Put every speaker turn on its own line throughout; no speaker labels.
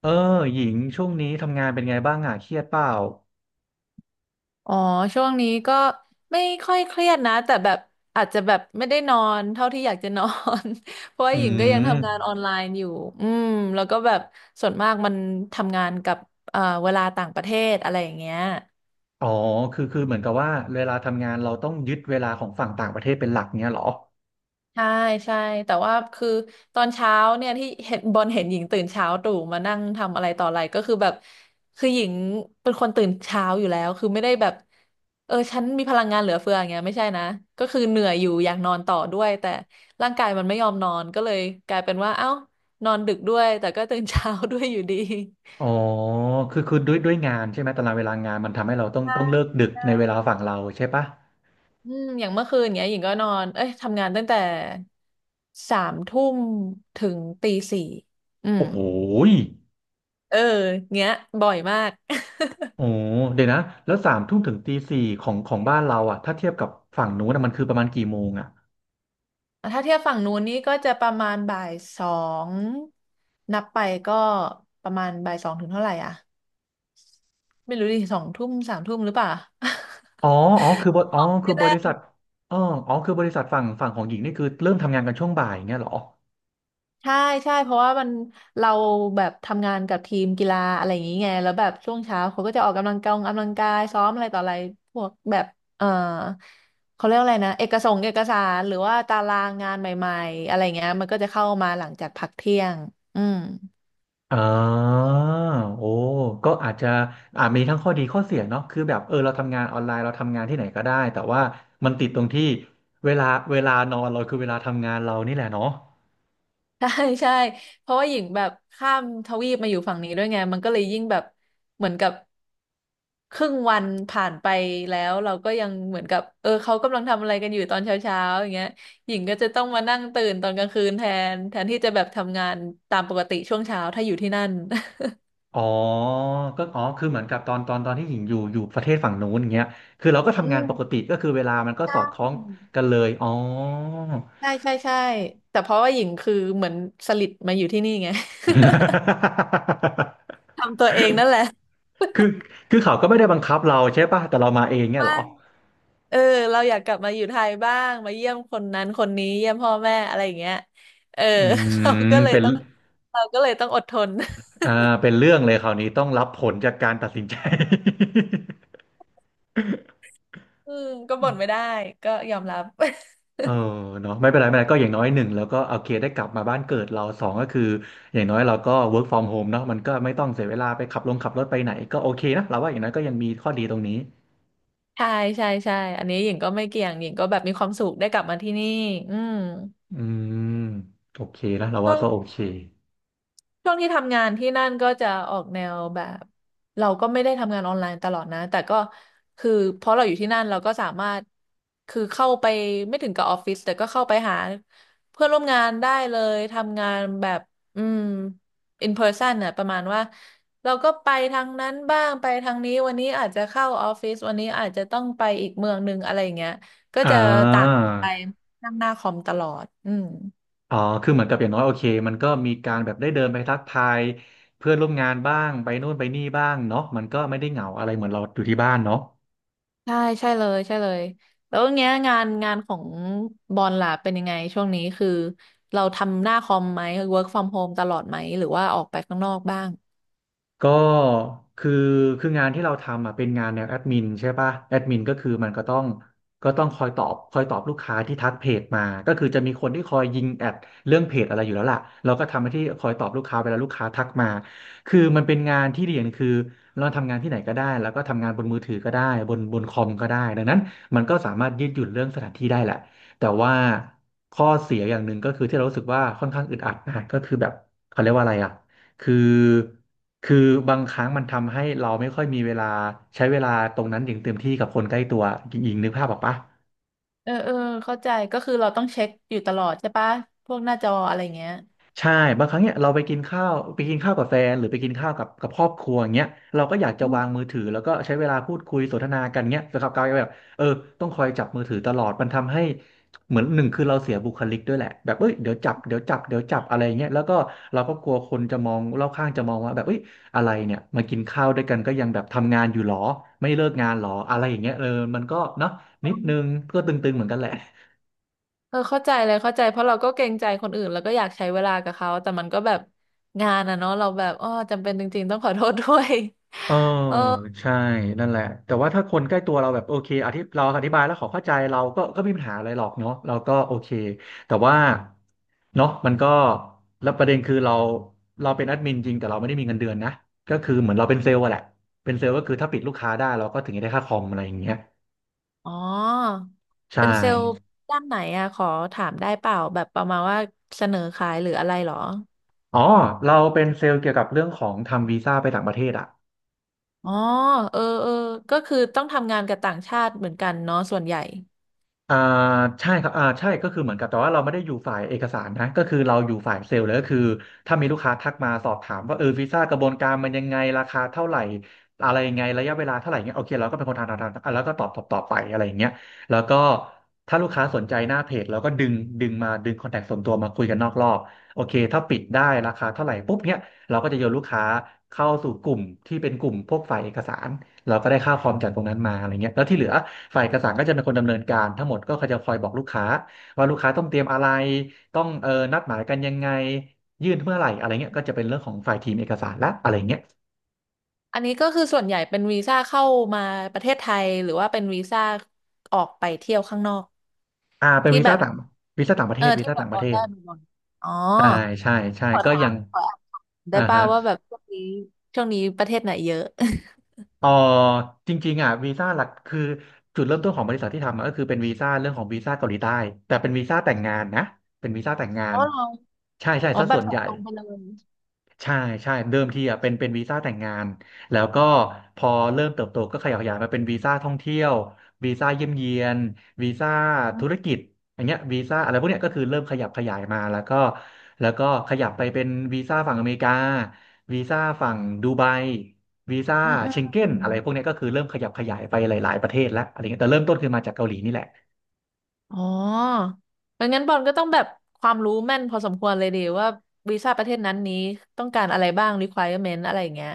เออหญิงช่วงนี้ทำงานเป็นไงบ้างอ่ะเครียดเปล่า
อ๋อช่วงนี้ก็ไม่ค่อยเครียดนะแต่แบบอาจจะแบบไม่ได้นอนเท่าที่อยากจะนอน เพราะว่า
อื
หญิงก็ยัง
ม
ทำงานออนไลน์อยู่อืมแล้วก็แบบส่วนมากมันทำงานกับเวลาต่างประเทศอะไรอย่างเงี้ย
อ๋อคือเหมือนกับว่าเวลาทำงานเราต้องยึดเวลาของฝั่งต่างประเทศเป็นหลักเนี้ยเหรอ
ใช่ใช่แต่ว่าคือตอนเช้าเนี่ยที่เห็นบอลเห็นหญิงตื่นเช้าตรู่มานั่งทำอะไรต่ออะไรก็คือแบบคือหญิงเป็นคนตื่นเช้าอยู่แล้วคือไม่ได้แบบเออฉันมีพลังงานเหลือเฟืออย่างเงี้ยไม่ใช่นะก็คือเหนื่อยอยู่อยากนอนต่อด้วยแต่ร่างกายมันไม่ยอมนอนก็เลยกลายเป็นว่าเอ้านอนดึกด้วยแต่ก็ตื่นเช้าด้วยอยู่ดี
อ๋อคือด้วยงานใช่ไหมตารางเวลางานมันทำให้ เราต้อง
ใช่
ต้องเลิกดึกในเว
ใช่
ลาฝั่งเราใช่ปะ
อืมอย่างเมื่อคืนเนี้ยหญิงก็นอนเอ้ยทำงานตั้งแต่สามทุ่มถึงตีสี่อืม
โอ้โหย
เออเงี้ยบ่อยมาก
โอ้เดี๋ยวนะแล้วสามทุ่มถึงตีสี่ของบ้านเราอ่ะถ้าเทียบกับฝั่งนู้นนะมันคือประมาณกี่โมงอ่ะ
ถ้าเทียบฝั่งนู้นนี่ก็จะประมาณบ่ายสองนับไปก็ประมาณบ่ายสองถึงเท่าไหร่อ่ะไม่รู้ดิสองทุ่มสามทุ่มหรือเปล่า
อ๋ออ๋อคือบอ๋อ คื
ไม่
อบ
แน่
ริ ษัทอ๋ออ๋อคือบริษัทฝั่งของหญิงนี่คือเริ่มทำงานกันช่วงบ่ายเงี้ยเหรอ
ใช่ใช่เพราะว่ามันเราแบบทำงานกับทีมกีฬาอะไรอย่างงี้ไงแล้วแบบช่วงเช้าเขาก็จะออกกำลังกายออกกำลังกายซ้อมอะไรต่ออะไรพวกแบบ เออเขาเรียกว่าอะไรนะเอกสารหรือว่าตารางงานใหม่ๆอะไรเงี้ยมันก็จะเข้ามาหลังจากพักเที่ยงอืม
อ่าโอ้ก็อาจจะอ่ามีทั้งข้อดีข้อเสียเนาะคือแบบเออเราทำงานออนไลน์เราทำงานที่ไหนก็ได้แต่ว่ามันติดตรงที่เวลาเวลานอนเราคือเวลาทำงานเรานี่แหละเนาะ
ใช่ใช่เพราะว่าหญิงแบบข้ามทวีปมาอยู่ฝั่งนี้ด้วยไงมันก็เลยยิ่งแบบเหมือนกับครึ่งวันผ่านไปแล้วเราก็ยังเหมือนกับเออเขากำลังทำอะไรกันอยู่ตอนเช้าเช้าอย่างเงี้ยหญิงก็จะต้องมานั่งตื่นตอนกลางคืนแทนที่จะแบบทำงานตามปกติช่วงเช้าถ้าอยู่ที่นั่น
อ๋อก็อ๋อคือเหมือนกับตอนที่หญิงอยู่ประเทศฝั่งนู้นอย่างเงี้ยคือเราก็
อื
ทำงานปกติ
ม
ก็คือเวลามันก็
ใช
สอดคล้อง
่
กันเลยอ๋อ
ใช่ใช่ใช่แต่เพราะว่าหญิงคือเหมือนสลิดมาอยู่ที่นี่ไง ทำตัวเองนั่นแหละ
คือคือเขาก็ไม่ได้บังคับเราใช่ป่ะแต่เรามาเองเนี่ยเหรอ
เออเราอยากกลับมาอยู่ไทยบ้างมาเยี่ยมคนนั้นคนนี้เยี่ยมพ่อแม่อะไรอย่างเงี้ยเออ
อื
เรา
ม
ก็เลย
เป็น
ต้องเราก็เลยต้องอดทน
อ่าเป็นเรื่องเลยคราวนี้ต้องรับผลจากการตัดสินใจ
อืมก็บ่นไม่ได้ก็ยอมรับ
เออเนาะไม่เป็นไรก็อย่างน้อยหนึ่งแล้วก็โอเคได้กลับมาบ้านเกิดเราสองก็คืออย่างน้อยเราก็ work from home เนาะมันก็ไม่ต้องเสียเวลาไปขับรถไปไหนก็โอเคนะเราว่าอย่างน้อยก็ยังมีข้อดีตรงนี้
ใช่ใช่ใช่อันนี้หญิงก็ไม่เกี่ยงหญิงก็แบบมีความสุขได้กลับมาที่นี่อืม
อืมโอเคนะเรา
ก็
ว่าก็โอเค
ช่วงที่ทำงานที่นั่นก็จะออกแนวแบบเราก็ไม่ได้ทำงานออนไลน์ตลอดนะแต่ก็คือเพราะเราอยู่ที่นั่นเราก็สามารถคือเข้าไปไม่ถึงกับออฟฟิศแต่ก็เข้าไปหาเพื่อนร่วมงานได้เลยทำงานแบบอืม in person น่ะประมาณว่าเราก็ไปทางนั้นบ้างไปทางนี้วันนี้อาจจะเข้าออฟฟิศวันนี้อาจจะต้องไปอีกเมืองหนึ่งอะไรอย่างเงี้ยก็
อ่
จะต่าง
า
กันไปนั่งหน้าคอมตลอดอืม
อ๋อคือเหมือนกับอย่างน้อยโอเคมันก็มีการแบบได้เดินไปทักทายเพื่อนร่วมงานบ้างไปนู่นไปนี่บ้างเนาะมันก็ไม่ได้เหงาอะไรเหมือนเราอยู่ที่บ้านเนาะ
ใช่ใช่เลยใช่เลยแล้วเนี้ยงานของบอลล่ะเป็นยังไงช่วงนี้คือเราทำหน้าคอมไหม work from home ตลอดไหมหรือว่าออกไปข้างนอกบ้าง
ก็คือคืองานที่เราทำอ่ะเป็นงานแนวแอดมินใช่ป่ะแอดมินก็คือมันก็ต้องคอยตอบลูกค้าที่ทักเพจมาก็คือจะมีคนที่คอยยิงแอดเรื่องเพจอะไรอยู่แล้วล่ะเราก็ทำหน้าที่คอยตอบลูกค้าเวลาลูกค้าทักมาคือมันเป็นงานที่ดีอย่างหนึ่งคือเราทำงานที่ไหนก็ได้แล้วก็ทำงานบนมือถือก็ได้บนคอมก็ได้ดังนั้นมันก็สามารถยืดหยุ่นเรื่องสถานที่ได้แหละแต่ว่าข้อเสียอย่างหนึ่งก็คือที่เรารู้สึกว่าค่อนข้างอึดอัดนะก็คือแบบเขาเรียกว่าอะไรอ่ะคือ คือบางครั้งมันทำให้เราไม่ค่อยมีเวลาใช้เวลาตรงนั้นอย่างเต็มที่กับคนใกล้ตัวหญิงๆนึกภาพออกปะ
เออเออเข้าใจก็คือเราต้องเช็คอยู่ตลอดใช่ปะพวกหน้าจออะไรเงี้ย
ใช่บางครั้งเนี่ยเราไปกินข้าวกับแฟนหรือไปกินข้าวกับครอบครัวอย่างเงี้ยเราก็อยากจะ
อื
วางมื
ม
อถือแล้วก็ใช้เวลาพูดคุยสนทนากันเงี้ยแต่กับกลายเป็นแบบเออต้องคอยจับมือถือตลอดมันทำให้เหมือนหนึ่งคือเราเสียบุคลิกด้วยแหละแบบเอ้ยเดี๋ยวจับอะไรเงี้ยแล้วก็เราก็กลัวคนจะมองรอบข้างจะมองว่าแบบเอ้ยอะไรเนี่ยมากินข้าวด้วยกันก็ยังแบบทำงานอยู่หรอไม่เลิกงานหรออะไรอย่างเงี้ยเออมันก็เนาะนิดนึงก็ตึงๆเหมือนกันแหละ
เออเข้าใจเลยเข้าใจเพราะเราก็เกรงใจคนอื่นแล้วก็อยากใช้เวลากับเขาแต่มันก็แบบงานอะเนาะเราแบบอ้อจำเป็นจริงๆต้องขอโทษด้วย
เออ
เออ
ใช่นั่นแหละแต่ว่าถ้าคนใกล้ตัวเราแบบโอเคเราอธิบายแล้วเขอเข้าใจเราก็ไม่มีปัญหาอะไรหรอกเนาะเราก็โอเคแต่ว่าเนาะมันก็แล้วประเด็นคือเราเป็นแอดมินจริงแต่เราไม่ได้มีเงินเดือนนะก็คือเหมือนเราเป็นเซลล์อะแหละเป็นเซลล์ก็คือถ้าปิดลูกค้าได้เราก็ถึงจะได้ค่าคอมอะไรอย่างเงี้ย
อ๋อ
ใช่
เป็นเซลล์ด้านไหนอะขอถามได้เปล่าแบบประมาณว่าเสนอขายหรืออะไรเหรอ
อ๋อเราเป็นเซลล์เกี่ยวกับเรื่องของทำวีซ่าไปต่างประเทศอะ
อ๋อเออเออก็คือต้องทำงานกับต่างชาติเหมือนกันเนาะส่วนใหญ่
อ่าใช่ครับอ่าใช่ก็คือเหมือนกับแต่ว่าเราไม่ได้อยู่ฝ่ายเอกสารนะก็คือเราอยู่ฝ่ายเซลล์เลยก็คือถ้ามีลูกค้าทักมาสอบถามว่าเออวีซ่ากระบวนการมันยังไงราคาเท่าไหร่อะไรยังไงระยะเวลาเท่าไหร่เงี้ยโอเคเราก็เป็นคนทำอ่ะแล้วก็ตอบไปอะไรอย่างเงี้ยแล้วก็ถ้าลูกค้าสนใจหน้าเพจเราก็ดึงมาดึงคอนแทคส่วนตัวมาคุยกันนอกรอบโอเคถ้าปิดได้ราคาเท่าไหร่ปุ๊บเนี้ยเราก็จะโยนลูกค้าเข้าสู่กลุ่มที่เป็นกลุ่มพวกฝ่ายเอกสารเราก็ได้ค่าคอมจากตรงนั้นมาอะไรเงี้ยแล้วที่เหลือ ฝ่ายเอกสารก็จะเป็นคนดำเนินการทั้งหมดก็เขาจะคอยบอกลูกค้าว่าลูกค้าต้องเตรียมอะไรต้องเออนัดหมายกันยังไงยื่นเมื่อไหร่อะไรเงี้ยก็จะเป็นเรื่องของฝ่ายทีมเอกสารละอะไรเงี้ย
อันนี้ก็คือส่วนใหญ่เป็นวีซ่าเข้ามาประเทศไทยหรือว่าเป็นวีซ่าออกไปเที่ยวข้างนอก
เป็น
ที่
วี
แบ
ซ่า
บ
ต่างวีซ่าต่างประเท
เออ
ศวี
ที่
ซ่า
แบ
ต่า
บ
งป
บ
ระ
อ
เท
ล
ศ
ได้บอลอ๋อ
ใช่ใช่ใช่ก็ยัง
ขอถามได้
อ่า
ป่า
ฮะ
วว่าแบบช่วงนี้ประเทศไหนเยอะ
เอ๋อจริงๆอ่ะวีซ่าหลักคือจุดเริ่มต้นของบริษัทที่ทำอะก็คือเป็นวีซ่าเรื่องของวีซ่าเกาหลีใต้แต่เป็นวีซ่าแต่งงานนะเป็นวีซ่าแต่งงา
อ๋
น
อเหรอ
ใช่ใช่
อ๋อ
ซะ
แบ
ส่
บ
วน
ตอ
ให
บ
ญ่
ตรงไปเลย
ใช่ใช่เดิมทีอ่ะเป็นวีซ่าแต่งงานแล้วก็พอเริ่มเติบโตก็ขยับขยายมาเป็นวีซ่าท่องเที่ยววีซ่าเยี่ยมเยียนวีซ่า
อื
ธุร
ม
กิจอย่างเงี้ยวีซ่าอะไรพวกเนี้ยก็คือเริ่มขยับขยายมาแล้วก็แล้วก็ขยับไปเป็นวีซ่าฝั่งอเมริกาวีซ่าฝั่งดูไบวีซ่า
อืม
เชงเก้
อื
น
ม
อะไรพวกเนี้ยก็คือเริ่มขยับขยายไปหลายๆประเทศแล้วอะไรเงี้ยแต่เริ่มต้นคือมาจากเกาหลีนี่แหละ
อ๋อมันงั้นบอลก็ต้องแบบความรู้แม่นพอสมควรเลยดีว่าวีซ่าประเทศนั้นนี้ต้องการอะไรบ้าง requirement อะไรอย่างเงี้ย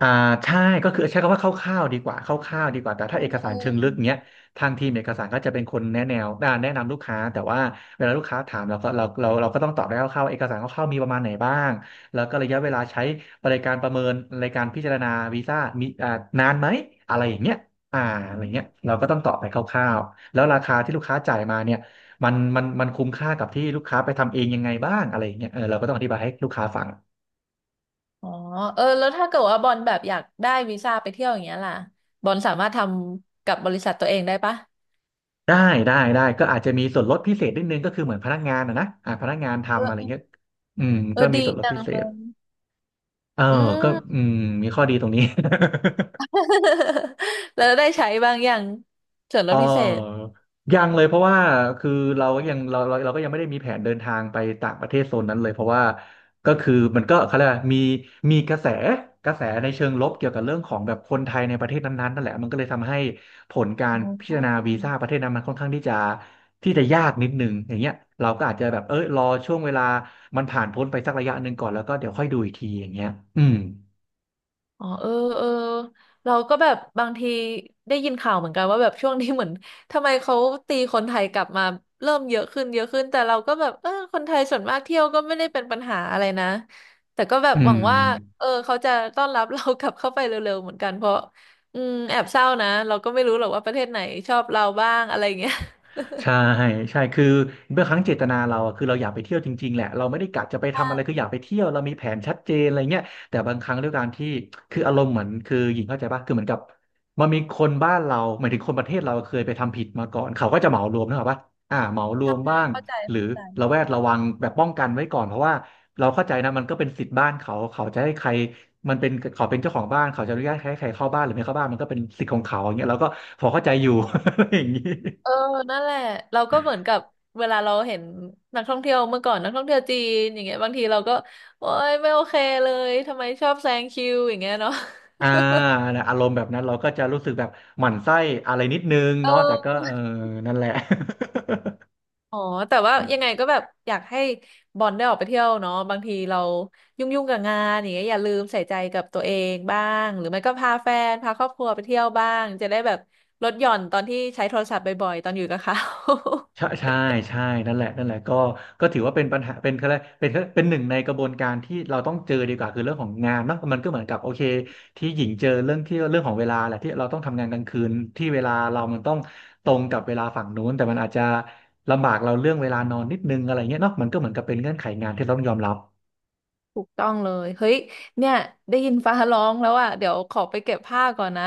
อ่าใช่ก็คือใช้คำว่าคร่าวๆดีกว่าคร่าวๆดีกว่าแต่
เอ
ถ้าเอ
อ
ก
เอ
สา
อ
รเชิงลึกเนี้ยทางทีมเอกสารก็จะเป็นคนแนะแนวแนะนำลูกค้าแต่ว่าเวลาลูกค้าถามเราก็เราก็ต้องตอบได้คร่าวๆเอกสารคร่าวๆมีประมาณไหนบ้างแล้วก็ระยะเวลาใช้บริการประเมินในการพิจารณาวีซ่ามีอ่านานไหมอะไรอย่างเงี้ยอ่าอะไรเงี้ยเราก็ต้องตอบไปคร่าวๆแล้วราคาที่ลูกค้าจ่ายมาเนี่ยมันคุ้มค่ากับที่ลูกค้าไปทำเองยังไงบ้างอะไรอย่างเงี้ยเออเราก็ต้องอธิบายให้ลูกค้าฟัง
อ๋อเออแล้วถ้าเกิดว่าบอลแบบอยากได้วีซ่าไปเที่ยวอย่างเงี้ยล่ะบอลสามารถทำกับบริษัทตัวเองได้ปะ
ได้ได้ได้ก็อาจจะมีส่วนลดพิเศษนิดนึงก็คือเหมือนพนักงานอะนะพนักงาน
เอ
ทำ
อ
อะไร
เออ
เงี้ยก็มี
ดี
ส่วนลด
จั
พิ
ง
เศ
เล
ษ
ย
เออ
อื
ก็
ม
อืมมีข้อดีตรงนี้
แล้วได้ใช้บางอย่างส่วน
เ
ลดพิเศษ
ออยังเลยเพราะว่าคือเราก็ยังเราก็ยังไม่ได้มีแผนเดินทางไปต่างประเทศโซนนั้นเลยเพราะว่าก็คือมันก็เขาเรียกว่ามีมีกระแสในเชิงลบเกี่ยวกับเรื่องของแบบคนไทยในประเทศนั้นๆนั่นแหละมันก็เลยทำให้ผลการ
อ
พิจารณาวีซ่า
อ
ประเทศนั้นมันค่อนข้างที่จะที่จะยากนิดนึงอย่างเงี้ยเราก็อาจจะแบบเอ้ยรอช่วงเวลามันผ่านพ้นไปสักระยะหนึ่งก่อนแล้วก็เดี๋ยวค่อยดูอีกทีอย่างเงี้ยอืม
อ๋อเออเออเราก็แบบบางทีได้ยินข่าวเหมือนกันว่าแบบช่วงนี้เหมือนทำไมเขาตีคนไทยกลับมาเริ่มเยอะขึ้นแต่เราก็แบบเออคนไทยส่วนมากเที่ยวก็ไม่ได้เป็นปัญหาอะไรนะแต่ก็แบบ
อื
หวังว่า
ม
เออเขาจะต้อนรับเรากลับเข้าไปเร็วๆเหมือนกันเพราะอืมแอบเศร้านะเราก็ไม่รู้หรอกว่าประเทศไหนชอบเราบ้างอะไรอย่างเงี้ย
ใช่ ใช่คือเมื่อครั้งเจตนาเราอะคือเราอยากไปเที่ยวจริงๆแหละเราไม่ได้กะจะไป
ใช่
ทำอะไรคืออยากไปเที่ยวเรามีแผนชัดเจนอะไรเงี้ยแต่บางครั้งด้วยการที่คืออารมณ์เหมือนคือหญิงเข้าใจป่ะคือเหมือนกับมันมีคนบ้านเราหมายถึงคนประเทศเราเคยไปทำผิดมาก่อนเขาก็จะเหมารวมนะครับว่าเหมาร
ใช่
วมบ้าง
เข้าใจ
หรือ
เข้า
ระ
ใจ
แวดระวังแบบป้องกันไว้ก่อนเพราะว่าเราเข้าใจนะมันก็เป็นสิทธิ์บ้านเขาเขาจะให้ใครมันเป็นเขาเป็นเจ้าของบ้านเขาจะอนุญาตให้ใครเข้าบ้านหรือไม่เข้าบ้านมันก็เป็นสิทธิ์ของเขาอย่างเงี้ยเราก็พอเข้าใจอยู่ ออย่างนี้
เออนั่นแหละเราก็เหมือนกับเวลาเราเห็นนักท่องเที่ยวเมื่อก่อนนักท่องเที่ยวจีนอย่างเงี้ยบางทีเราก็โอ๊ยไม่โอเคเลยทำไมชอบแซงคิวอย่างเงี้ยเนาะ
อ่านะอารมณ์แบบนั้นเราก็จะรู้สึกแบบหมั่นไส้อะไรนิดนึง
เอ
เนาะแต่ก็
อ
เออนั่นแหละ
อ๋อแต่ว่ายังไงก็แบบอยากให้บอลได้ออกไปเที่ยวเนาะบางทีเรายุ่งกับงานอย่างเงี้ยอย่าลืมใส่ใจกับตัวเองบ้างหรือไม่ก็พาแฟนพาครอบครัวไปเที่ยวบ้างจะได้แบบลดหย่อนตอนที่ใช้โทรศัพท์บ่อยๆตอนอยู่กับเขา
ใช่ใช่ใช่นั่นแหละนั่นแหละก็ก็ถือว่าเป็นปัญหาเป็นอะไรเป็นหนึ่งในกระบวนการที่เราต้องเจอดีกว่าคือเรื่องของงานเนาะมันก็เหมือนกับโอเคที่หญิงเจอเรื่องที่เรื่องของเวลาแหละที่เราต้องทำงานกลางคืนที่เวลาเรามันต้องตรงกับเวลาฝั่งนู้นแต่มันอาจจะลำบากเราเรื่องเวลานอนนิดนึงอะไรเงี้ยเนาะมันก็เหมือนกับเป็นเงื่อนไขงานที่เราต้องยอมรับ
ถูกต้องเลย เฮ้ย เนี่ย ได้ยินฟ้าร้องแล้วอ่ะเดี๋ยวขอไปเก็บผ้าก่อนนะ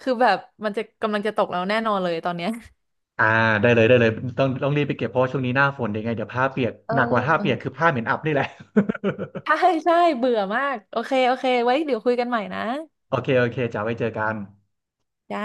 คือแบบมันจะกำลังจะตกแล้วแน่นอนเลยตอนเนี้ย
อ่าได้เลยได้เลยต้องรีบไปเก็บเพราะว่าช่วงนี้หน้าฝนยดงไงเดี๋ยวผ้าเปียก
เอ
หนักกว่าผ้าเปียก
อ
คือผ้าเหม็นอับนี่แหละ
ใช่ใช่เบื่อมาก โอเคโอเคไว้เดี๋ยวคุยกันใหม่นะ
โอเคโอเคจะาไว้เจอกัน
จ้า